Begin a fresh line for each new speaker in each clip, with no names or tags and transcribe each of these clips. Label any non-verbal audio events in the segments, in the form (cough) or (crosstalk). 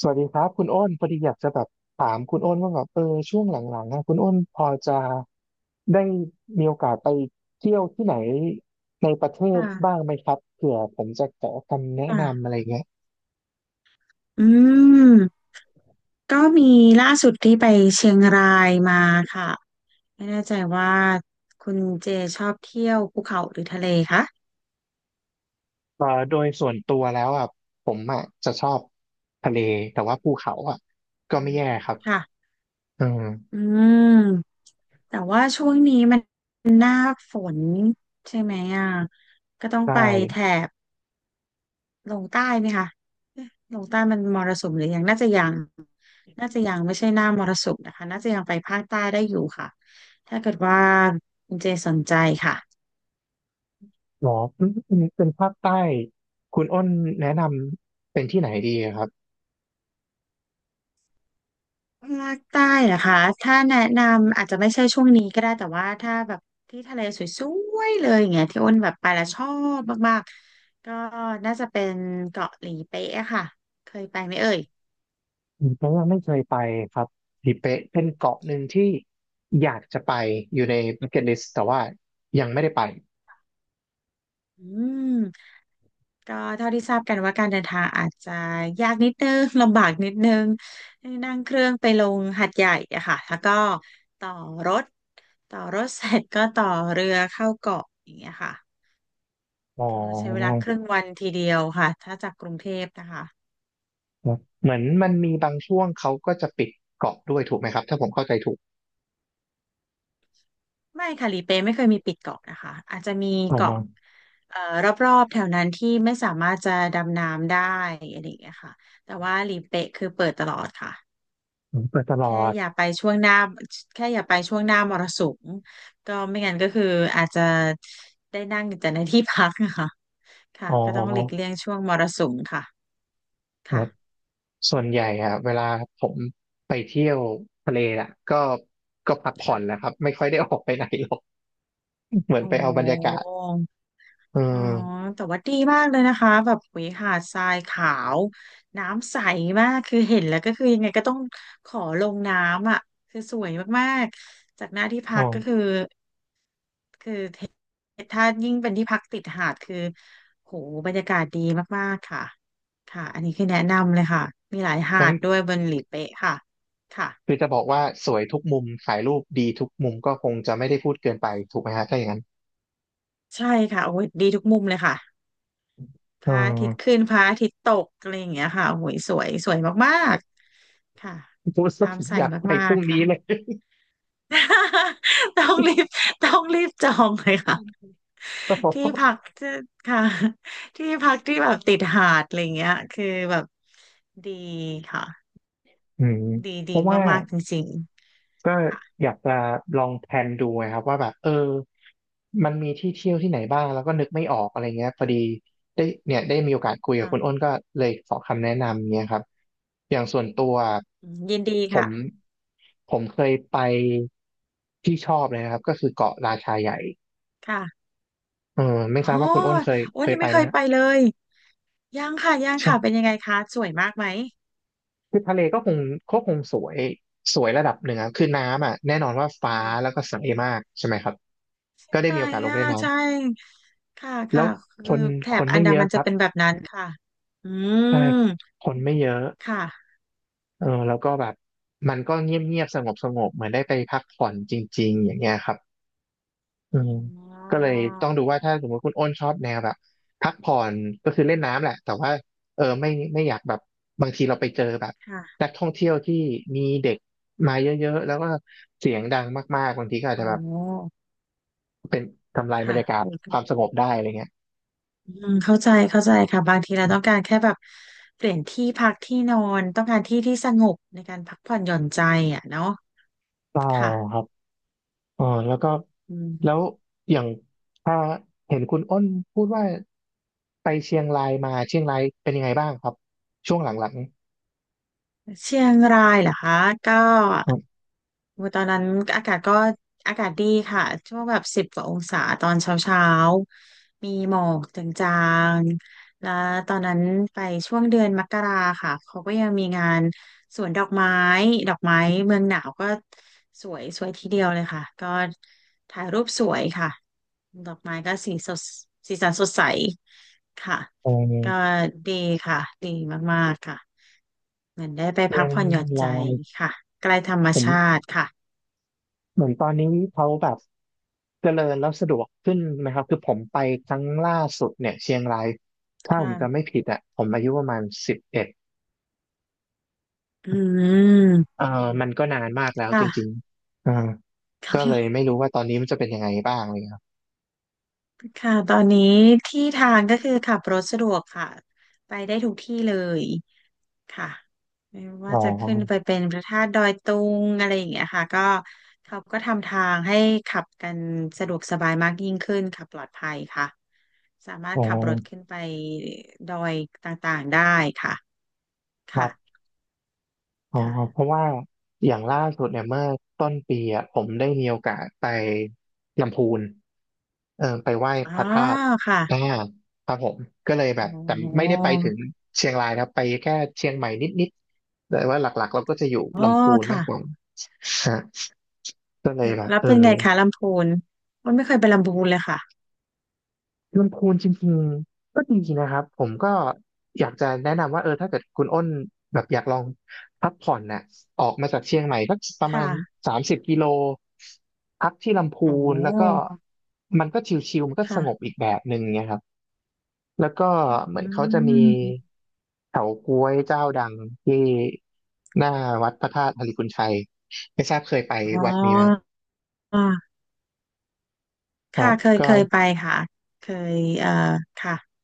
สวัสดีครับคุณอ้นพอดีอยากจะแบบถามคุณอ้นว่าแบบช่วงหลังๆนะคุณอ้นพอจะได้มีโอกาสไปเที่ยวที่ไหนในประเทศ
ค่ะ
บ้างไหมครับเผื่อผมจะขอคำแนะนำอะ
ค่ะ
ไรเงี้ย
อืมก็มีล่าสุดที่ไปเชียงรายมาค่ะไม่แน่ใจว่าคุณเจชอบเที่ยวภูเขาหรือทะเลคะ
โดยส่วนตัวแล้วอ่ะผมอ่ะจะชอบทะเลแต่ว่าภูเขาอ่ะก็ไม่แย่ครับ
ค่ะ
อื
อื
ม
มแต่ว่าช่วงนี้มันหน้าฝนใช่ไหมอ่ะก็ต้อง
ได้
ไปแถบลงใต้ไหมคะเอ๊ะลงใต้มันมรสุมหรือยังน่าจะยัง น่าจะยังไม่ใช่หน้ามรสุมนะคะน่าจะยังไปภาคใต้ได้อยู่ค่ะ ถ้าเกิดว่าคุณเจสนใจค่ะ
หรอเป็นภาคใต้คุณอ้นแนะนำเป็นที่ไหนดีครับ
ภาคใต้เหรอคะถ้าแนะนำอาจจะไม่ใช่ช่วงนี้ก็ได้แต่ว่าถ้าแบบที่ทะเลสวยๆเลยอย่างเงี้ยที่อ้นแบบไปแล้วชอบมากๆก็น่าจะเป็นเกาะหลีเป๊ะอะค่ะเคยไปไหมเอ่ย
ผมเพราะยังไม่เคยไปครับทิเป๊ะเป็นเกาะหนึ่งที่อยากจะไปอยู่ใน Bucket List แต่ว่ายังไม่ได้ไป
อืมก็เท่าที่ทราบกันว่าการเดินทางอาจจะยากนิดนึง (laughs) ลำบากนิดนึงนั่งเครื่องไปลงหาดใหญ่อะค่ะแล้วก็ต่อรถต่อรถเสร็จก็ต่อเรือเข้าเกาะอย่างเงี้ยค่ะ
อ๋อ
ก็ใช้เวลาครึ่งวันทีเดียวค่ะถ้าจากกรุงเทพนะคะ
เหมือนมันมีบางช่วงเขาก็จะปิดเกาะด้วยถูกไหมครับถ้าผมเข้าใจถูก
ไม่ค่ะหลีเป๊ะไม่เคยมีปิดเกาะนะคะอาจจะมี
อ๋
เกาะ
อ
เอ่อรอบๆแถวนั้นที่ไม่สามารถจะดำน้ำได้อะไรอย่างเงี้ยค่ะแต่ว่าหลีเป๊ะคือเปิดตลอดค่ะ
เปิดตลอ
แค่
ด
อย่าไปช่วงหน้าแค่อย่าไปช่วงหน้ามรสุมก็ไม่งั้นก็คืออาจจะได้นั่งอยู่แต่ในที่พักนะคะค่ะ
อ๋
ก็ต้องหลีก
อ
เลี่ยงช่วงมรสุมค่ะ
ค
ค่ะ
รับส่วนใหญ่อะเวลาผมไปเที่ยวทะเลอ่ะก็ก็พักผ่อ
ค่ะ
นแหละครับไม่ค่อยได้ออกไปไหนหรอกเหมือ
โอ
นไปเอาบรรยากา
้
ศเอ
อ๋อ
อ
แต่ว่าดีมากเลยนะคะแบบหุยหาดทรายขาวน้ำใสมากคือเห็นแล้วก็คือยังไงก็ต้องขอลงน้ำอ่ะคือสวยมากๆจากหน้าที่พั
อ๋อ
กก็คือคือถ้ายิ่งเป็นที่พักติดหาดคือโหบรรยากาศดีมากๆค่ะค่ะอันนี้คือแนะนำเลยค่ะมีหลายหา
งั้น
ดด้วยบนหลีเป๊ะค่ะค่ะ
คือจะบอกว่าสวยทุกมุมถ่ายรูปดีทุกมุมก็คงจะไม่ได้พูดเกินไปถูกไหมฮะถ้าอย่างนั้น
ใช่ค่ะโอ้ยดีทุกมุมเลยค่ะพ
เออ
ระอาทิตย์ขึ้นพระอาทิตย์ตกอะไรอย่างเงี้ยค่ะโอ้ยสวยสวยมาก ค่ะ
(laughs) พูดซะผ
น้ำ
ม
ใส
อยากไป
มา
พ
ก
รุ่ง
ๆ ค่ะ
นี้เลย
(laughs) ต้องรีบต้องรีบจองเลยค่ะ
(laughs) ก็เพราะ
ที่พักที่ค่ะที่พักที่แบบติดหาดอะไรเงี้ยคือแบบดีค่ะ
อืม
ดี
เพ
ดี
ราะว่า
มากๆ จริง
ก็
ๆค่ะ
อยากจะลองแพลนดูไงครับว่าแบบมันมีที่เที่ยวที่ไหนบ้างแล้วก็นึกไม่ออกอะไรเงี้ยพอดีได้เนี่ยได้มีโอกาสคุยกับ
ค่ะ
คุณอ้นก็เลยขอคำแนะนำเงี้ยครับอย่างส่วนตัว
ยินดี
ผ
ค่ะ
มผมเคยไปที่ชอบเลยนะครับก็คือเกาะราชาใหญ่
ค่ะ
เออไม่
โอ้
ทราบว่าคุณอ้นเคย
โอ้
เคย
นี่
ไป
ไม่
ไห
เค
ม
ย
ฮะ
ไปเลย ยังค่ะ ยัง
ใช่
ค่ะ เป็นยังไงคะสวยมากไหม
คือทะเลก็คงก็คงสวยสวยระดับหนึ่งอะคือน้ำอ่ะแน่นอนว่าฟ้าแล้
ค่ะ
วก็ใสมากใช่ไหมครับก็ได้
ไหน
มีโอกาสลง
อ่ะ
เล่นน้
ใช่ค่ะ
แล้
ค่ะ
ว
คือ
คน
แถ
ค
บ
น
อัน
ไม่
ดา
เยอะ
มัน
ค
จะ
รับ
เป็นแบบนั้นค่ะอื
ใช่
ม
คนไม่เยอะ
ค่ะ
แล้วก็แบบมันก็เงียบเงียบสงบสงบเหมือนได้ไปพักผ่อนจริงๆอย่างเงี้ยครับอืม
อ๋
ก็เล
อ
ยต้องดูว่าถ้าสมมติคุณอ้นชอบแนวแบบพักผ่อนก็คือเล่นน้ำแหละแต่ว่าเออไม่อยากแบบบางทีเราไปเจอแบบ
ค่ะ
นักท่องเที่ยวที่มีเด็กมาเยอะๆแล้วก็เสียงดังมากๆบางทีก็อาจ
อ๋
จะ
อ
แบบเป็นทำลายบร
ค่ะ
รยากา
โอ
ศ
เค
ความสงบได้อะไรเงี้ย
เข้าใจเข้าใจค่ะบางทีเราต้องการแค่แบบเปลี่ยนที่พักที่นอนต้องการที่ที่สงบในการพักผ่อนหย่อนใจอ่ะเนาะ
อ๋อ่
ค่ะ
ครับ อ๋อแล้วก็
อื
แล้ว
ม
อย่างถ้าเห็นคุณอ้นพูดว่าไปเชียงรายมาเชียงรายเป็นยังไงบ้างครับช่วงหลัง
เชียงรายเหรอคะก็
ๆครับ
โอ้ตอนนั้นอากาศก็อากาศดีค่ะช่วงแบบ10 กว่าองศาตอนเช้าเช้ามีหมอกจางๆแล้วตอนนั้นไปช่วงเดือนมกราค่ะเขาก็ยังมีงานสวนดอกไม้ดอกไม้เมืองหนาวก็สวยสวยทีเดียวเลยค่ะก็ถ่ายรูปสวยค่ะดอกไม้ก็สีสดสีสันสดใสค่ะ
เ
ก็
ออ
ดีค่ะดีมากๆค่ะ
เชียงรายผมเหมือนตอนนี้เขาแบบเจริญแล้วสะดวกขึ้นนะครับคือผมไปครั้งล่าสุดเนี่ยเชียงรายถ้าผมจำ
ค่ะ
ไม่ผิดอ่ะผมอายุประมาณ11
อืม
เออมันก็นานมากแล้วจริง
ค่ะ
ๆอ่า
(laughs) ค่
ก็เลย
ะ
ไม่รู้ว่าตอนนี้มันจะเป็นยังไงบ้างเลยครับ
ค่ะตอนนี้ที่ทางก็คือขับรถสะดวกค่ะไปได้ทุกที่เลยค่ะไม่ว่า
อ๋
จะขึ้นไป
อ
เป็นพระธาตุดอยตุงอะไรอย่างเงี้ยค่ะก็เขาก็ทำทางให้ขับกันสะดวกสบายมากยิ่งขึ้นค่ะปลอดภัยค่ะสามาร
อ๋
ถ
อ
ขับรถขึ้นไปดอยต่างๆได้ค่ะ
ครั
ค่ะ
บ อ๋อเพ
ค่ะ
ราะว่าอย่างล่าสุดเนี่ยเมื่อต้นปีอ่ะผมได้มีโอกาสไปลำพูนไปไหว้
อ๋อ
พระธาตุ
ค่ะ
อ่าครับผมก็เลยแบ
อ๋
บแต่ไม่
อ
ได้ไปถึงเชียงรายนะครับไปแค่เชียงใหม่นิดๆแต่ว่าหลักๆเราก็จะอยู่
อ๋อ
ลำพูนมาก
ค่ะ
กว่าฮะก็เลยแบบ
แล้ว
เออ
เป็นไงคะลำพูนมันไม่เคยไปลำพูนเลยค่ะ
ลำพูนจริงๆก็ดีนะครับผมก็อยากจะแนะนำว่าถ้าเกิดคุณอ้นแบบอยากลองพักผ่อนน่ะออกมาจากเชียงใหม่ก็ประมาณ
ค่ะ
30 กิโลพักที่ลำ
อ๋
พู
อ
นแล้วก็มันก็ชิลๆมันก็ส
ค่ะ
งบอีกแบบหนึ่งเนะครับแล้วก็เหมือ
อื
นเขาจะมี
ม
เฉาก๊วยเจ้าดังที่หน้าวัดพระธาตุอาริพุนชัยไม่ทราบเคยไป
อ๋อ
วัดนี้ไหมครับครั
ค่ะ
บ
เคย
ก็
เคยไปค่ะเคยค่ะ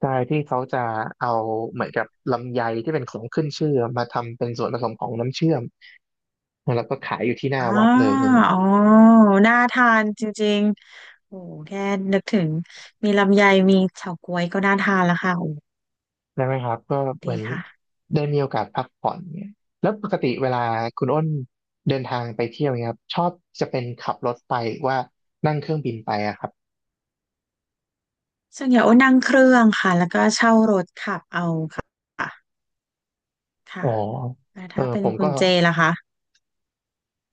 ใช่ที่เขาจะเอาเหมือนกับลำไยที่เป็นของขึ้นชื่อมาทำเป็นส่วนผสมของน้ำเชื่อมแล้วก็ขายอยู่ที่หน้า
อ๋อ
วัดเลยอย่างเงี้ย
อ๋อน่าทานจริงๆโอ้แค่นึกถึงมีลำไยมีเฉาก๊วยก็น่าทานแล้วค่ะโอ้
ได้ไหมครับก็เห
ดี
มือน
ค่ะ
ได้มีโอกาสพักผ่อนเนี่ยแล้วปกติเวลาคุณอ้นเดินทางไปเที่ยวเนี่ยครับชอบจะเป็นขับรถไปหรือว่านั่งเครื่องบินไปอะครับ
ส่วนใหญ่โอ้นั่งเครื่องค่ะแล้วก็เช่ารถขับเอาค่ะ
อ๋
ค่ะ
อ
แล้วถ้าเป็
ผ
น
ม
คุ
ก็
ณเจล่ะคะ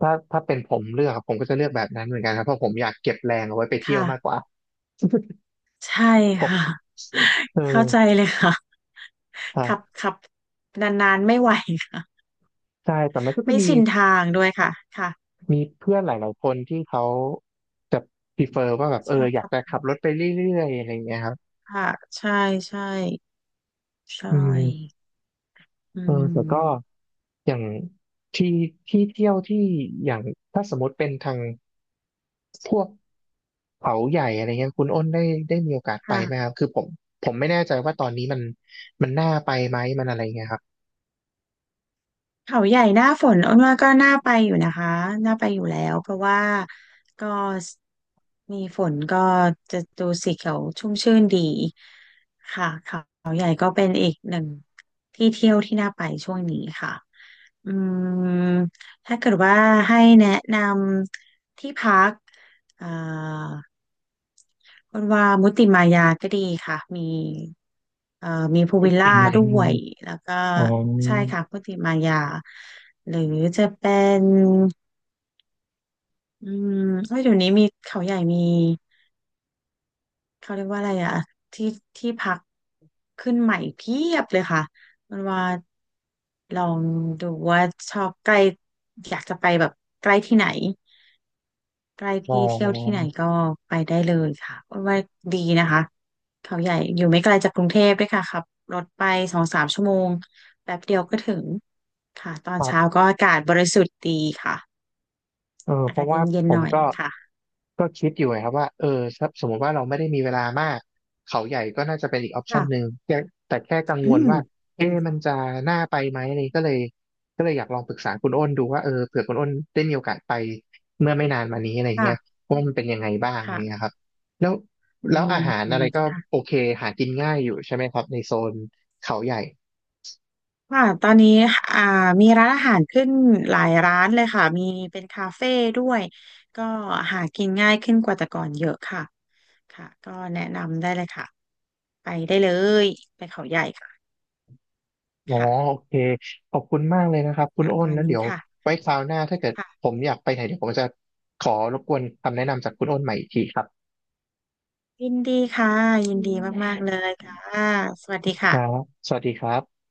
ถ้าเป็นผมเลือกอะผมก็จะเลือกแบบนั้นเหมือนกันครับเพราะผมอยากเก็บแรงเอาไว้ไปเที่ยว
ค่ะ
มากกว่า
ใช่
(laughs) ผ
ค่ะ
มเ
เข้าใจ
ออ
เลยค่ะ
ค
(laughs)
รั
ขับ
บ
ขับนานๆไม่ไหวค่ะ
ใช่แต่มันก็
(laughs)
จะ
ไม่
มี
ชินทางด้วยค่ะค่ะ
มีเพื่อนหลายๆคนที่เขาจะ prefer ว่าแบบ
ใช่
อ
ค
ยาก
รับ
จะขับรถไปเรื่อยๆอะไรอย่างเงี้ยครับ
ค่ะใช่ใช่ใช่
อืม
อื
แต่ก็
ม
อย่างที่ที่เที่ยวที่อย่างถ้าสมมติเป็นทางพวกเขาใหญ่อะไรเงี้ยคุณอ้นได้มีโอกาสไปไหมค
ค่ะ
รับคือผมไม่แน่ใจว่าตอนนี้มันน่าไปไหมมันอะไรเงี้ยครับ
เขาใหญ่หน้าฝนอ้นว่าก็น่าไปอยู่นะคะน่าไปอยู่แล้วเพราะว่าก็มีฝนก็จะดูสีเขียวชุ่มชื่นดีค่ะเขาใหญ่ก็เป็นอีกหนึ่งที่เที่ยวที่น่าไปช่วงนี้ค่ะ อืมถ้าเกิดว่าให้แนะนำที่พักเอ่าคนว่ามุติมายาก็ดีค่ะมีเอ่อมีพูล
ได้
วิลล่า
กินไหม
ด้วยแล้วก็
อ๋อ
ใช่ค่ะมุติมายาหรือจะเป็นอืมเอ้ยเดี๋ยวนี้มีเขาใหญ่มีเขาเรียกว่าอะไรอะที่ที่พักขึ้นใหม่เพียบเลยค่ะมันว่าลองดูว่าชอบใกล้อยากจะไปแบบใกล้ที่ไหน ใกล้
อ๋
ที่เที่ยวที่
อ
ไหนก็ไปได้เลยค่ะเว่าดีนะคะเขาใหญ่อยู่ไม่ไกลจากกรุงเทพด้วยค่ะขับรถไป2-3 ชั่วโมงแป๊บเดียวก็ถึงค่ะตอ
ค
น
รั
เช้า
บ
ก็อากาศบริสุทธิ์ดีค่ะอา
เพ
กา
ราะ
ศเ
ว่า
ย็น
ผ
ๆห
ม
น่อย
ก็
ค่ะ
ก็คิดอยู่ไงครับว่าถ้าสมมติว่าเราไม่ได้มีเวลามากเขาใหญ่ก็น่าจะเป็นอีกออปชั
ค่ะ
นหนึ่งแต่แค่กังว
อื
ล
ม
ว่าเอ๊ะมันจะน่าไปไหมอะไรก็เลยอยากลองปรึกษาคุณอ้นดูว่าเผื่อคุณอ้นได้มีโอกาสไปเมื่อไม่นานมานี้อะไร
ค่ะ
เงี้ยว่ามันเป็นยังไงบ้างอะไรเงี้
ค่ะ
ยครับแล้ว
อื
แล้ว
ม
อาหารอะไรก็โอ
ค่ะ
เคหากินง่ายอยู่ใช่ไหมครับในโซนเขาใหญ่
ค่ะตอนนี้อ่ามีร้านอาหารขึ้นหลายร้านเลยค่ะมีเป็นคาเฟ่ด้วยก็หากินง่ายขึ้นกว่าแต่ก่อนเยอะค่ะ ค่ะก็แนะนำได้เลยค่ะ ไปได้เลย ไปเขาใหญ่ค่ะ
อ๋อ
ค่ะ
โอเคขอบคุณมากเลยนะครับคุ
ป
ณ
ระ
อ้น
มาณ
แล้ว
นี้
เดี๋ยว
ค่ะ
ไว้คราวหน้าถ้าเกิดผ
ค่ะ
มอยากไปไหนเดี๋ยวผมจะขอรบกวนคำแนะนำจากคุณอ้นใหม่อีกทีครับ
ยินดีค่ะยิ
อื
นดีมาก
ม
ๆเลยค่ะ สวัสดี
ครั
ค่ะ
บสวัสดีครับ